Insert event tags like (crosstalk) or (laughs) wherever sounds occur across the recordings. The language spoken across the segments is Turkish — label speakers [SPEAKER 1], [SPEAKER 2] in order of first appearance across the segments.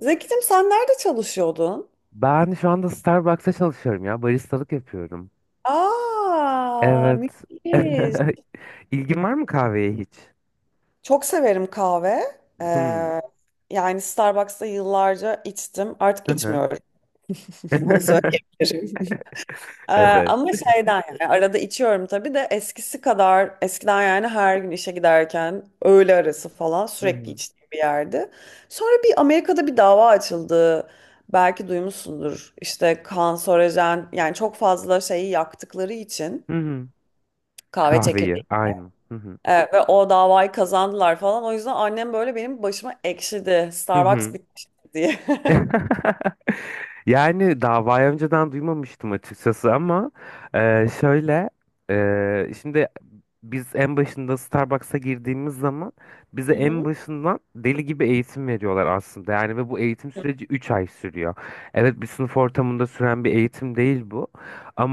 [SPEAKER 1] Zeki'cim sen nerede çalışıyordun?
[SPEAKER 2] Ben şu anda Starbucks'ta çalışıyorum ya. Baristalık yapıyorum.
[SPEAKER 1] Aa,
[SPEAKER 2] Evet.
[SPEAKER 1] müthiş.
[SPEAKER 2] (laughs) İlgin var mı kahveye hiç?
[SPEAKER 1] Çok severim kahve.
[SPEAKER 2] Hmm.
[SPEAKER 1] Ee, yani Starbucks'ta yıllarca içtim. Artık
[SPEAKER 2] Hı hı.
[SPEAKER 1] içmiyorum. (laughs) Onu
[SPEAKER 2] (laughs)
[SPEAKER 1] söyleyebilirim. Ee,
[SPEAKER 2] Evet.
[SPEAKER 1] ama şeyden yani arada içiyorum tabii de eskisi kadar eskiden yani her gün işe giderken öğle arası falan
[SPEAKER 2] Hı
[SPEAKER 1] sürekli
[SPEAKER 2] hı.
[SPEAKER 1] içtiğim bir yerdi. Sonra bir Amerika'da bir dava açıldı. Belki duymuşsundur. İşte kanserojen yani çok fazla şeyi yaktıkları için
[SPEAKER 2] Hı hı.
[SPEAKER 1] kahve
[SPEAKER 2] Kahveyi.
[SPEAKER 1] çekirdeği.
[SPEAKER 2] Aynı. Hı hı.
[SPEAKER 1] Ve o davayı kazandılar falan. O yüzden annem böyle benim başıma ekşidi.
[SPEAKER 2] Hı
[SPEAKER 1] Starbucks
[SPEAKER 2] hı.
[SPEAKER 1] bitmişti diye. (laughs)
[SPEAKER 2] (laughs) Yani davayı önceden duymamıştım açıkçası ama şöyle şimdi biz en başında Starbucks'a girdiğimiz zaman bize
[SPEAKER 1] Hı
[SPEAKER 2] en
[SPEAKER 1] hı.
[SPEAKER 2] başından deli gibi eğitim veriyorlar aslında. Yani ve bu eğitim süreci 3 ay sürüyor. Evet, bir sınıf ortamında süren bir eğitim değil bu,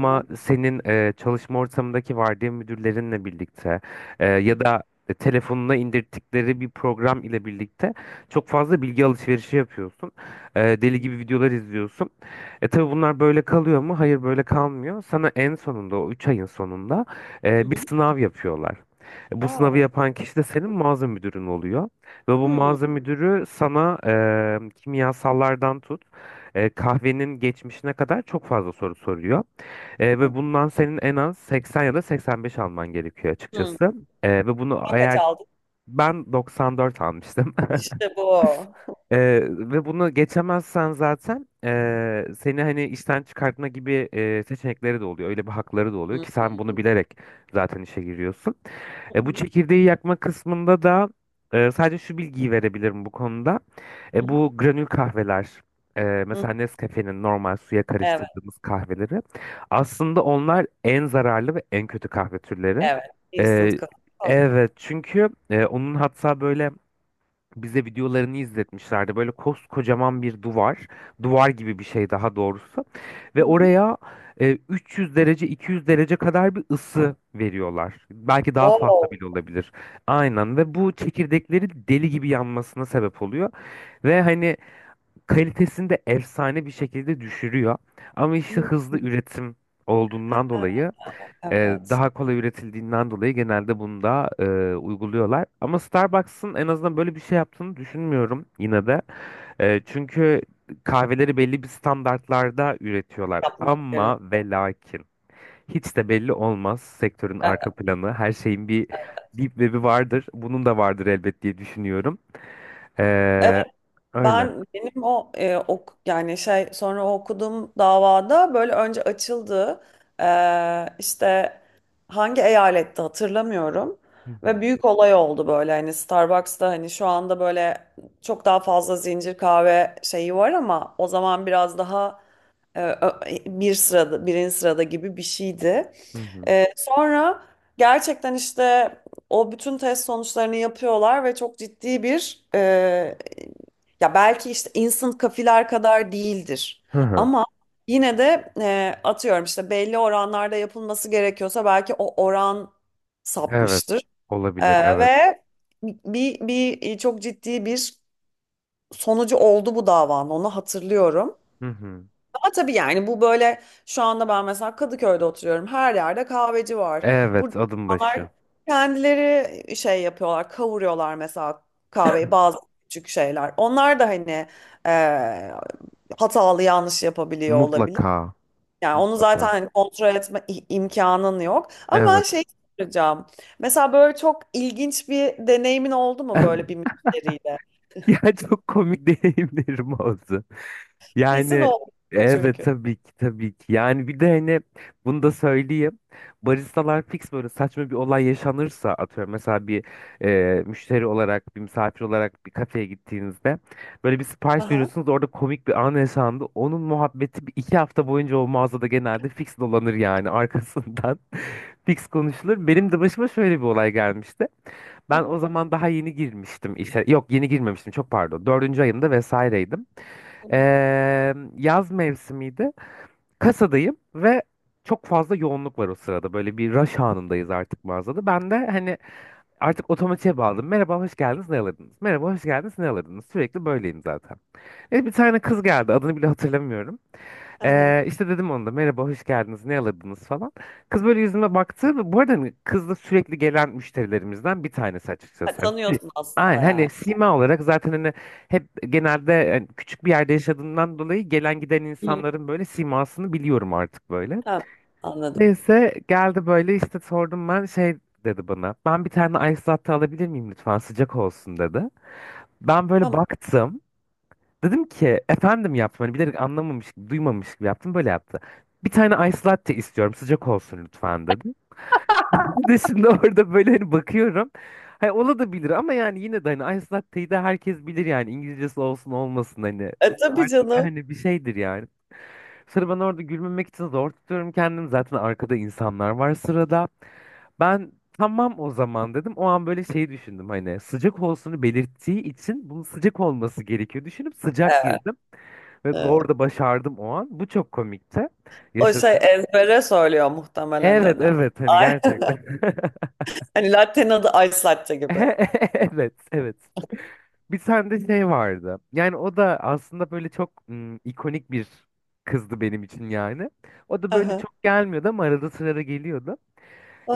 [SPEAKER 1] Hı hı.
[SPEAKER 2] senin çalışma ortamındaki vardiya müdürlerinle birlikte
[SPEAKER 1] Hı
[SPEAKER 2] ya
[SPEAKER 1] hı.
[SPEAKER 2] da telefonuna indirttikleri bir program ile birlikte çok fazla bilgi alışverişi yapıyorsun. Deli gibi videolar izliyorsun. Tabii bunlar böyle kalıyor mu? Hayır, böyle kalmıyor. Sana en sonunda, o 3 ayın sonunda,
[SPEAKER 1] Hı
[SPEAKER 2] bir
[SPEAKER 1] hı.
[SPEAKER 2] sınav yapıyorlar. Bu sınavı
[SPEAKER 1] Aa.
[SPEAKER 2] yapan kişi de senin mağaza müdürün oluyor. Ve bu
[SPEAKER 1] Hı.
[SPEAKER 2] mağaza müdürü sana kimyasallardan tut, kahvenin geçmişine kadar çok fazla soru soruyor. Ve bundan senin en az 80 ya da 85 alman gerekiyor
[SPEAKER 1] Hı.
[SPEAKER 2] açıkçası. Ve bunu
[SPEAKER 1] Sen kaç
[SPEAKER 2] eğer
[SPEAKER 1] aldın?
[SPEAKER 2] ben 94 almıştım. (laughs)
[SPEAKER 1] İşte bu. O.
[SPEAKER 2] Ve bunu geçemezsen zaten seni hani işten çıkartma gibi seçenekleri de oluyor. Öyle bir hakları da
[SPEAKER 1] Hı
[SPEAKER 2] oluyor ki
[SPEAKER 1] Hı
[SPEAKER 2] sen bunu bilerek zaten işe giriyorsun. Bu
[SPEAKER 1] hı,
[SPEAKER 2] çekirdeği yakma kısmında da sadece şu bilgiyi verebilirim bu konuda.
[SPEAKER 1] hı hı.
[SPEAKER 2] Bu granül kahveler,
[SPEAKER 1] Hı.
[SPEAKER 2] mesela Nescafe'nin normal suya
[SPEAKER 1] Evet,
[SPEAKER 2] karıştırdığımız kahveleri, aslında onlar en zararlı ve en kötü kahve türleri.
[SPEAKER 1] evet.
[SPEAKER 2] E,
[SPEAKER 1] Instant kahve.
[SPEAKER 2] evet, çünkü onun hatta böyle bize videolarını izletmişlerdi. Böyle koskocaman bir duvar, duvar gibi bir şey daha doğrusu. Ve
[SPEAKER 1] Hı hı.
[SPEAKER 2] oraya 300 derece, 200 derece kadar bir ısı veriyorlar. Belki daha fazla
[SPEAKER 1] Wow.
[SPEAKER 2] bile olabilir. Aynen, ve bu çekirdekleri deli gibi yanmasına sebep oluyor. Ve hani kalitesini de efsane bir şekilde düşürüyor. Ama
[SPEAKER 1] Hı.
[SPEAKER 2] işte hızlı
[SPEAKER 1] Hı.
[SPEAKER 2] üretim olduğundan dolayı, e,
[SPEAKER 1] Evet.
[SPEAKER 2] daha kolay üretildiğinden dolayı, genelde bunu da uyguluyorlar. Ama Starbucks'ın en azından böyle bir şey yaptığını düşünmüyorum yine de. Çünkü kahveleri belli bir standartlarda üretiyorlar.
[SPEAKER 1] Yapmak gerek.
[SPEAKER 2] Ama ve lakin hiç de belli olmaz sektörün
[SPEAKER 1] Evet.
[SPEAKER 2] arka planı. Her şeyin bir deep web'i vardır. Bunun da vardır elbet diye düşünüyorum. E,
[SPEAKER 1] Evet,
[SPEAKER 2] Öyle.
[SPEAKER 1] benim o ok yani şey sonra o okuduğum davada böyle önce açıldı. İşte hangi eyalette hatırlamıyorum.
[SPEAKER 2] Hı
[SPEAKER 1] Ve
[SPEAKER 2] hı,
[SPEAKER 1] büyük olay oldu böyle hani Starbucks'ta hani şu anda böyle çok daha fazla zincir kahve şeyi var ama o zaman biraz daha Ee, bir sırada birinci sırada gibi bir şeydi.
[SPEAKER 2] hı hı,
[SPEAKER 1] Sonra gerçekten işte o bütün test sonuçlarını yapıyorlar ve çok ciddi bir ya belki işte instant kafiler kadar değildir
[SPEAKER 2] hı hı.
[SPEAKER 1] ama yine de atıyorum işte belli oranlarda yapılması gerekiyorsa belki o oran
[SPEAKER 2] Evet.
[SPEAKER 1] sapmıştır.
[SPEAKER 2] Olabilir. Evet.
[SPEAKER 1] Ve bir çok ciddi bir sonucu oldu bu davanın, onu hatırlıyorum.
[SPEAKER 2] Hı hı.
[SPEAKER 1] Ama tabii yani bu böyle şu anda ben mesela Kadıköy'de oturuyorum. Her yerde kahveci var.
[SPEAKER 2] Evet.
[SPEAKER 1] Burada
[SPEAKER 2] Adım
[SPEAKER 1] insanlar
[SPEAKER 2] başı.
[SPEAKER 1] kendileri şey yapıyorlar, kavuruyorlar mesela kahveyi, bazı küçük şeyler. Onlar da hani eee, hatalı, yanlış yapabiliyor olabilir.
[SPEAKER 2] Mutlaka.
[SPEAKER 1] Yani onu zaten
[SPEAKER 2] Mutlaka.
[SPEAKER 1] hani kontrol etme imkanın yok. Ama ben
[SPEAKER 2] Evet.
[SPEAKER 1] şey soracağım. Mesela böyle çok ilginç bir deneyimin oldu mu böyle bir
[SPEAKER 2] (laughs)
[SPEAKER 1] müşteriyle?
[SPEAKER 2] Ya çok komik (laughs) deneyimlerim oldu.
[SPEAKER 1] Kesin
[SPEAKER 2] Yani
[SPEAKER 1] oldu
[SPEAKER 2] evet,
[SPEAKER 1] çünkü.
[SPEAKER 2] tabii ki tabii ki. Yani bir de hani bunu da söyleyeyim. Baristalar fix, böyle saçma bir olay yaşanırsa, atıyorum mesela bir müşteri olarak, bir misafir olarak bir kafeye gittiğinizde böyle bir sipariş
[SPEAKER 1] Aha.
[SPEAKER 2] veriyorsunuz, orada komik bir an yaşandı. Onun muhabbeti bir iki hafta boyunca o mağazada genelde fix dolanır yani, arkasından (laughs) fix konuşulur. Benim de başıma şöyle bir olay gelmişti. Ben o
[SPEAKER 1] Aha,
[SPEAKER 2] zaman daha yeni girmiştim işe. Yok, yeni girmemiştim, çok pardon. Dördüncü ayımda vesaireydim. Yaz mevsimiydi. Kasadayım ve çok fazla yoğunluk var o sırada. Böyle bir rush anındayız artık mağazada. Ben de hani artık otomatiğe bağladım. Merhaba, hoş geldiniz, ne alırdınız? Merhaba, hoş geldiniz, ne alırdınız? Sürekli böyleyim zaten. Evet, bir tane kız geldi. Adını bile hatırlamıyorum.
[SPEAKER 1] aha.
[SPEAKER 2] İşte dedim ona da, merhaba hoş geldiniz ne alırdınız falan. Kız böyle yüzüme baktı ve bu arada hani kız da sürekli gelen müşterilerimizden bir tanesi
[SPEAKER 1] Ha,
[SPEAKER 2] açıkçası. Evet.
[SPEAKER 1] tanıyorsun
[SPEAKER 2] Aynen,
[SPEAKER 1] aslında
[SPEAKER 2] hani
[SPEAKER 1] yani.
[SPEAKER 2] sima olarak zaten, hani hep, genelde yani küçük bir yerde yaşadığımdan dolayı gelen giden
[SPEAKER 1] Hı.
[SPEAKER 2] insanların böyle simasını biliyorum artık böyle.
[SPEAKER 1] Tamam, anladım.
[SPEAKER 2] Neyse, geldi böyle işte, sordum ben, şey dedi bana. Ben bir tane ice latte alabilir miyim lütfen, sıcak olsun, dedi. Ben böyle
[SPEAKER 1] Tamam.
[SPEAKER 2] baktım. Dedim ki efendim, yaptım. Hani bilerek anlamamış gibi, duymamış gibi yaptım. Böyle yaptı. Bir tane ice latte istiyorum. Sıcak olsun lütfen, dedi. (laughs) Ben de şimdi orada böyle hani bakıyorum. Hani olabilir ama yani yine de, hani ice latte'yi de herkes bilir yani. İngilizcesi olsun olmasın hani.
[SPEAKER 1] E
[SPEAKER 2] Bu
[SPEAKER 1] tabii
[SPEAKER 2] artık
[SPEAKER 1] canım.
[SPEAKER 2] hani bir şeydir yani. Sonra ben orada gülmemek için zor tutuyorum kendimi. Zaten arkada insanlar var sırada. Ben, tamam o zaman, dedim. O an böyle şey düşündüm, hani sıcak olsunu belirttiği için bunun sıcak olması gerekiyor. Düşünüp sıcak
[SPEAKER 1] Evet.
[SPEAKER 2] girdim. Ve doğru
[SPEAKER 1] Evet.
[SPEAKER 2] da başardım o an. Bu çok komikti.
[SPEAKER 1] O şey
[SPEAKER 2] Yaşadım.
[SPEAKER 1] ezbere söylüyor muhtemelen
[SPEAKER 2] Evet
[SPEAKER 1] hani.
[SPEAKER 2] evet, hani
[SPEAKER 1] Ay,
[SPEAKER 2] gerçekten.
[SPEAKER 1] (laughs)
[SPEAKER 2] (laughs)
[SPEAKER 1] hani latte'nin adı ice latte gibi.
[SPEAKER 2] Evet evet. Bir tane de şey vardı. Yani o da aslında böyle çok ikonik bir kızdı benim için yani. O da böyle
[SPEAKER 1] Aha,
[SPEAKER 2] çok gelmiyordu ama arada sırada geliyordu.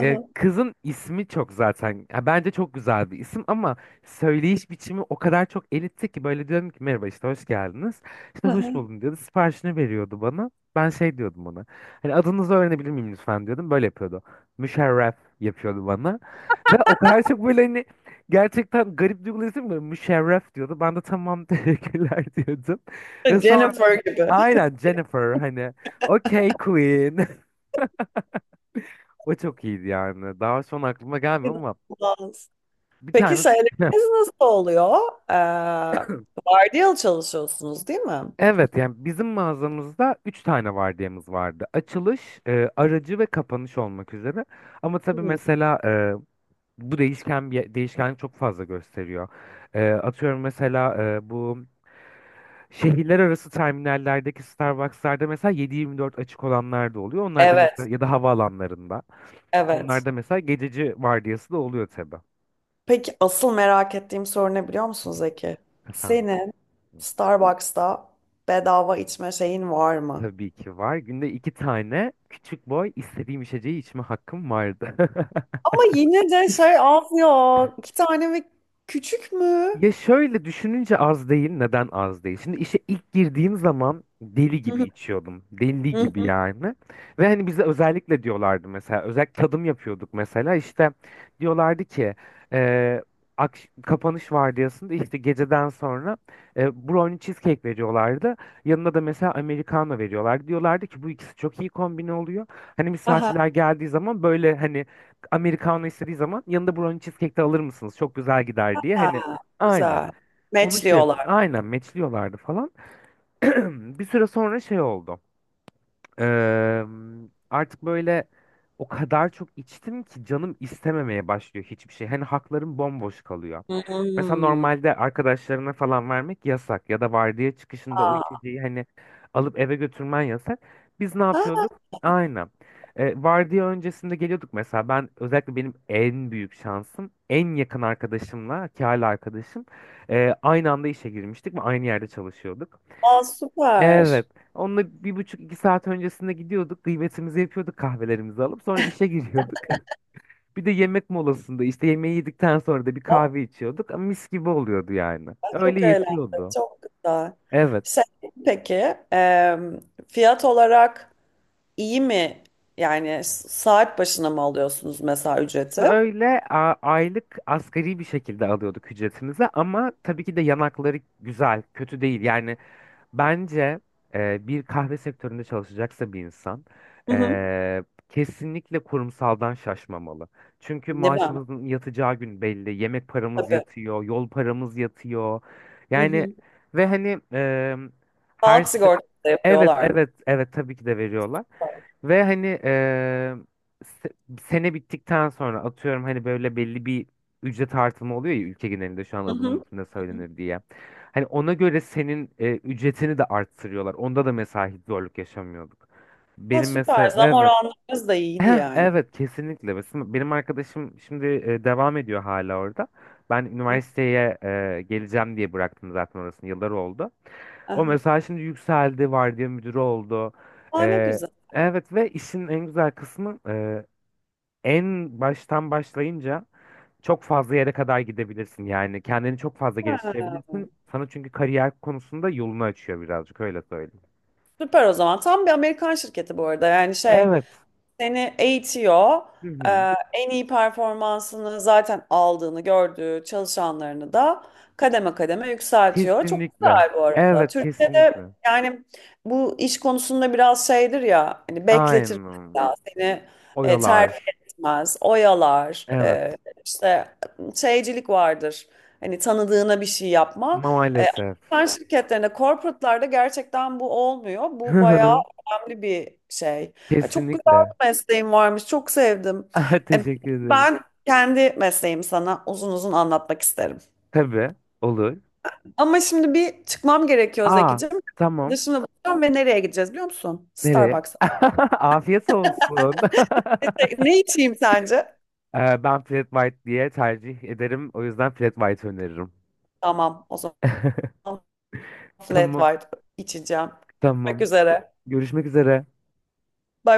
[SPEAKER 2] Kızın ismi çok zaten ya, bence çok güzel bir isim, ama söyleyiş biçimi o kadar çok elitti ki, böyle diyorum ki merhaba işte hoş geldiniz. İşte hoş
[SPEAKER 1] aha.
[SPEAKER 2] buldum diyordu, siparişini veriyordu bana. Ben şey diyordum ona, hani adınızı öğrenebilir miyim lütfen diyordum, böyle yapıyordu. Müşerref yapıyordu bana. Ve o kadar çok böyle hani, gerçekten garip duygular, isim böyle, müşerref diyordu. Ben de tamam (laughs) teşekkürler diyordum. Ve sonra
[SPEAKER 1] Jennifer gibi.
[SPEAKER 2] aynen Jennifer hani, okey queen. (laughs) O çok iyiydi yani. Daha şu an aklıma gelmiyor ama
[SPEAKER 1] İnanılmaz.
[SPEAKER 2] bir
[SPEAKER 1] Peki
[SPEAKER 2] tane.
[SPEAKER 1] şeyleriniz nasıl oluyor? Ee, vardiyalı çalışıyorsunuz değil mi?
[SPEAKER 2] Evet, yani bizim mağazamızda 3 tane vardiyamız vardı. Açılış, aracı ve kapanış olmak üzere. Ama tabii
[SPEAKER 1] Hı.
[SPEAKER 2] mesela bu değişken, bir değişkenlik çok fazla gösteriyor. Atıyorum mesela, bu şehirler arası terminallerdeki Starbucks'larda mesela 7-24 açık olanlar da oluyor. Onlar da,
[SPEAKER 1] Evet,
[SPEAKER 2] mesela, ya da havaalanlarında. Onlar
[SPEAKER 1] evet.
[SPEAKER 2] da mesela gececi vardiyası da oluyor tabii.
[SPEAKER 1] Peki asıl merak ettiğim soru ne biliyor musun Zeki?
[SPEAKER 2] Efendim.
[SPEAKER 1] Senin Starbucks'ta bedava içme şeyin var mı?
[SPEAKER 2] Tabii ki var. Günde iki tane küçük boy istediğim içeceği içme hakkım vardı. (laughs)
[SPEAKER 1] Ama yine de şey az ya. İki tane mi? Küçük mü?
[SPEAKER 2] Ya şöyle düşününce az değil. Neden az değil? Şimdi işe ilk girdiğim zaman deli
[SPEAKER 1] Hı
[SPEAKER 2] gibi
[SPEAKER 1] hı,
[SPEAKER 2] içiyordum. Deli
[SPEAKER 1] hı
[SPEAKER 2] gibi
[SPEAKER 1] hı.
[SPEAKER 2] yani. Ve hani bize özellikle diyorlardı mesela. Özellikle tadım yapıyorduk mesela. İşte diyorlardı ki eee, kapanış vardiyasında, işte geceden sonra, brownie cheesecake veriyorlardı. Yanına da mesela Americano veriyorlardı. Diyorlardı ki bu ikisi çok iyi kombine oluyor. Hani
[SPEAKER 1] Aha,
[SPEAKER 2] misafirler geldiği zaman böyle hani Americano istediği zaman yanında brownie cheesecake de alır mısınız, çok güzel gider, diye. Hani.
[SPEAKER 1] ha,
[SPEAKER 2] Aynen.
[SPEAKER 1] güzel.
[SPEAKER 2] Onu şey,
[SPEAKER 1] Matchliyorlar.
[SPEAKER 2] aynen meçliyorlardı falan. (clears throat) Bir süre sonra şey oldu. Eee, Artık böyle o kadar çok içtim ki canım istememeye başlıyor hiçbir şey. Hani haklarım bomboş kalıyor. Mesela
[SPEAKER 1] Hmm.
[SPEAKER 2] normalde arkadaşlarına falan vermek yasak, ya da vardiya çıkışında o
[SPEAKER 1] Aa,
[SPEAKER 2] içeceği hani alıp eve götürmen yasak. Biz ne
[SPEAKER 1] ha,
[SPEAKER 2] yapıyorduk? Aynen. Vardiya öncesinde geliyorduk mesela. Ben özellikle, benim en büyük şansım, en yakın arkadaşımla, ki hala arkadaşım, aynı anda işe girmiştik ve aynı yerde çalışıyorduk.
[SPEAKER 1] aa, süper.
[SPEAKER 2] Evet. Onunla bir buçuk iki saat öncesinde gidiyorduk. Kıymetimizi yapıyorduk kahvelerimizi alıp. Sonra işe giriyorduk. (laughs) Bir de yemek molasında, işte yemeği yedikten sonra da bir
[SPEAKER 1] Oh,
[SPEAKER 2] kahve içiyorduk. Ama mis gibi oluyordu yani.
[SPEAKER 1] ben
[SPEAKER 2] Öyle
[SPEAKER 1] çok eğlendim.
[SPEAKER 2] yetiyordu.
[SPEAKER 1] Çok güzel.
[SPEAKER 2] Evet.
[SPEAKER 1] Şey, peki em, fiyat olarak İyi mi? Yani saat başına mı alıyorsunuz mesela ücreti?
[SPEAKER 2] Öyle aylık asgari bir şekilde alıyorduk ücretimizi, ama tabii ki de yanakları güzel, kötü değil. Yani bence bir kahve sektöründe çalışacaksa bir insan,
[SPEAKER 1] Hı hı.
[SPEAKER 2] e, kesinlikle kurumsaldan şaşmamalı. Çünkü
[SPEAKER 1] Ne ben?
[SPEAKER 2] maaşımızın yatacağı gün belli, yemek paramız
[SPEAKER 1] Tabii.
[SPEAKER 2] yatıyor, yol paramız yatıyor.
[SPEAKER 1] Hı
[SPEAKER 2] Yani
[SPEAKER 1] hı.
[SPEAKER 2] ve hani her
[SPEAKER 1] Sağlık
[SPEAKER 2] se-
[SPEAKER 1] sigortası da
[SPEAKER 2] evet
[SPEAKER 1] yapıyorlar mı?
[SPEAKER 2] evet evet, tabii ki de veriyorlar. Ve hani se- sene bittikten sonra atıyorum, hani böyle belli bir ücret artımı oluyor ya ülke genelinde, şu an
[SPEAKER 1] Hı hı.
[SPEAKER 2] alım üstünde
[SPEAKER 1] Hı hı.
[SPEAKER 2] söylenir diye. Hani ona göre senin ücretini de arttırıyorlar. Onda da mesela hiç zorluk yaşamıyorduk.
[SPEAKER 1] Ha,
[SPEAKER 2] Benim
[SPEAKER 1] süper.
[SPEAKER 2] mesela,
[SPEAKER 1] Zam
[SPEAKER 2] evet.
[SPEAKER 1] oranlarınız da iyiydi
[SPEAKER 2] Heh,
[SPEAKER 1] yani.
[SPEAKER 2] evet kesinlikle. Mesela benim arkadaşım şimdi devam ediyor hala orada. Ben
[SPEAKER 1] Hı.
[SPEAKER 2] üniversiteye geleceğim diye bıraktım zaten orasını. Yıllar oldu. O
[SPEAKER 1] Aha.
[SPEAKER 2] mesela şimdi yükseldi, vardiya müdürü oldu.
[SPEAKER 1] Aa, ne
[SPEAKER 2] E,
[SPEAKER 1] güzel.
[SPEAKER 2] evet, ve işin en güzel kısmı, en baştan başlayınca çok fazla yere kadar gidebilirsin. Yani kendini çok fazla
[SPEAKER 1] Ha,
[SPEAKER 2] geliştirebilirsin. Sana, çünkü, kariyer konusunda yolunu açıyor birazcık, öyle söyleyeyim.
[SPEAKER 1] süper o zaman. Tam bir Amerikan şirketi bu arada. Yani şey,
[SPEAKER 2] Evet.
[SPEAKER 1] seni eğitiyor.
[SPEAKER 2] Hı
[SPEAKER 1] Ee,
[SPEAKER 2] hı.
[SPEAKER 1] en iyi performansını zaten aldığını gördüğü çalışanlarını da kademe kademe yükseltiyor. Çok
[SPEAKER 2] Kesinlikle.
[SPEAKER 1] güzel bu arada.
[SPEAKER 2] Evet kesinlikle.
[SPEAKER 1] Türkiye'de yani bu iş konusunda biraz şeydir ya hani, bekletir
[SPEAKER 2] Aynen.
[SPEAKER 1] ya seni, terfi
[SPEAKER 2] Oyalar.
[SPEAKER 1] etmez, oyalar,
[SPEAKER 2] Evet.
[SPEAKER 1] işte şeycilik vardır. Hani tanıdığına bir şey yapma. E,
[SPEAKER 2] Maalesef.
[SPEAKER 1] Amerikan şirketlerinde, corporate'larda gerçekten bu olmuyor. Bu bayağı
[SPEAKER 2] (laughs)
[SPEAKER 1] önemli bir şey. Ay, çok
[SPEAKER 2] Kesinlikle.
[SPEAKER 1] mesleğim varmış. Çok sevdim.
[SPEAKER 2] (laughs)
[SPEAKER 1] E,
[SPEAKER 2] Teşekkür ederim.
[SPEAKER 1] Ben kendi mesleğimi sana uzun uzun anlatmak isterim.
[SPEAKER 2] Tabii. Olur.
[SPEAKER 1] Ama şimdi bir çıkmam gerekiyor
[SPEAKER 2] Aa,
[SPEAKER 1] Zekicim.
[SPEAKER 2] tamam.
[SPEAKER 1] Arkadaşımla buluşacağım ve nereye gideceğiz biliyor musun?
[SPEAKER 2] Nereye?
[SPEAKER 1] Starbucks'a.
[SPEAKER 2] (laughs) Afiyet olsun. (laughs)
[SPEAKER 1] Ne, ne içeyim sence?
[SPEAKER 2] Ben Flat White diye tercih ederim. O yüzden Flat White öneririm.
[SPEAKER 1] Tamam o zaman
[SPEAKER 2] (laughs)
[SPEAKER 1] flat
[SPEAKER 2] Tamam.
[SPEAKER 1] white içeceğim. Görüşmek
[SPEAKER 2] Tamam.
[SPEAKER 1] üzere.
[SPEAKER 2] Görüşmek üzere.
[SPEAKER 1] Bye.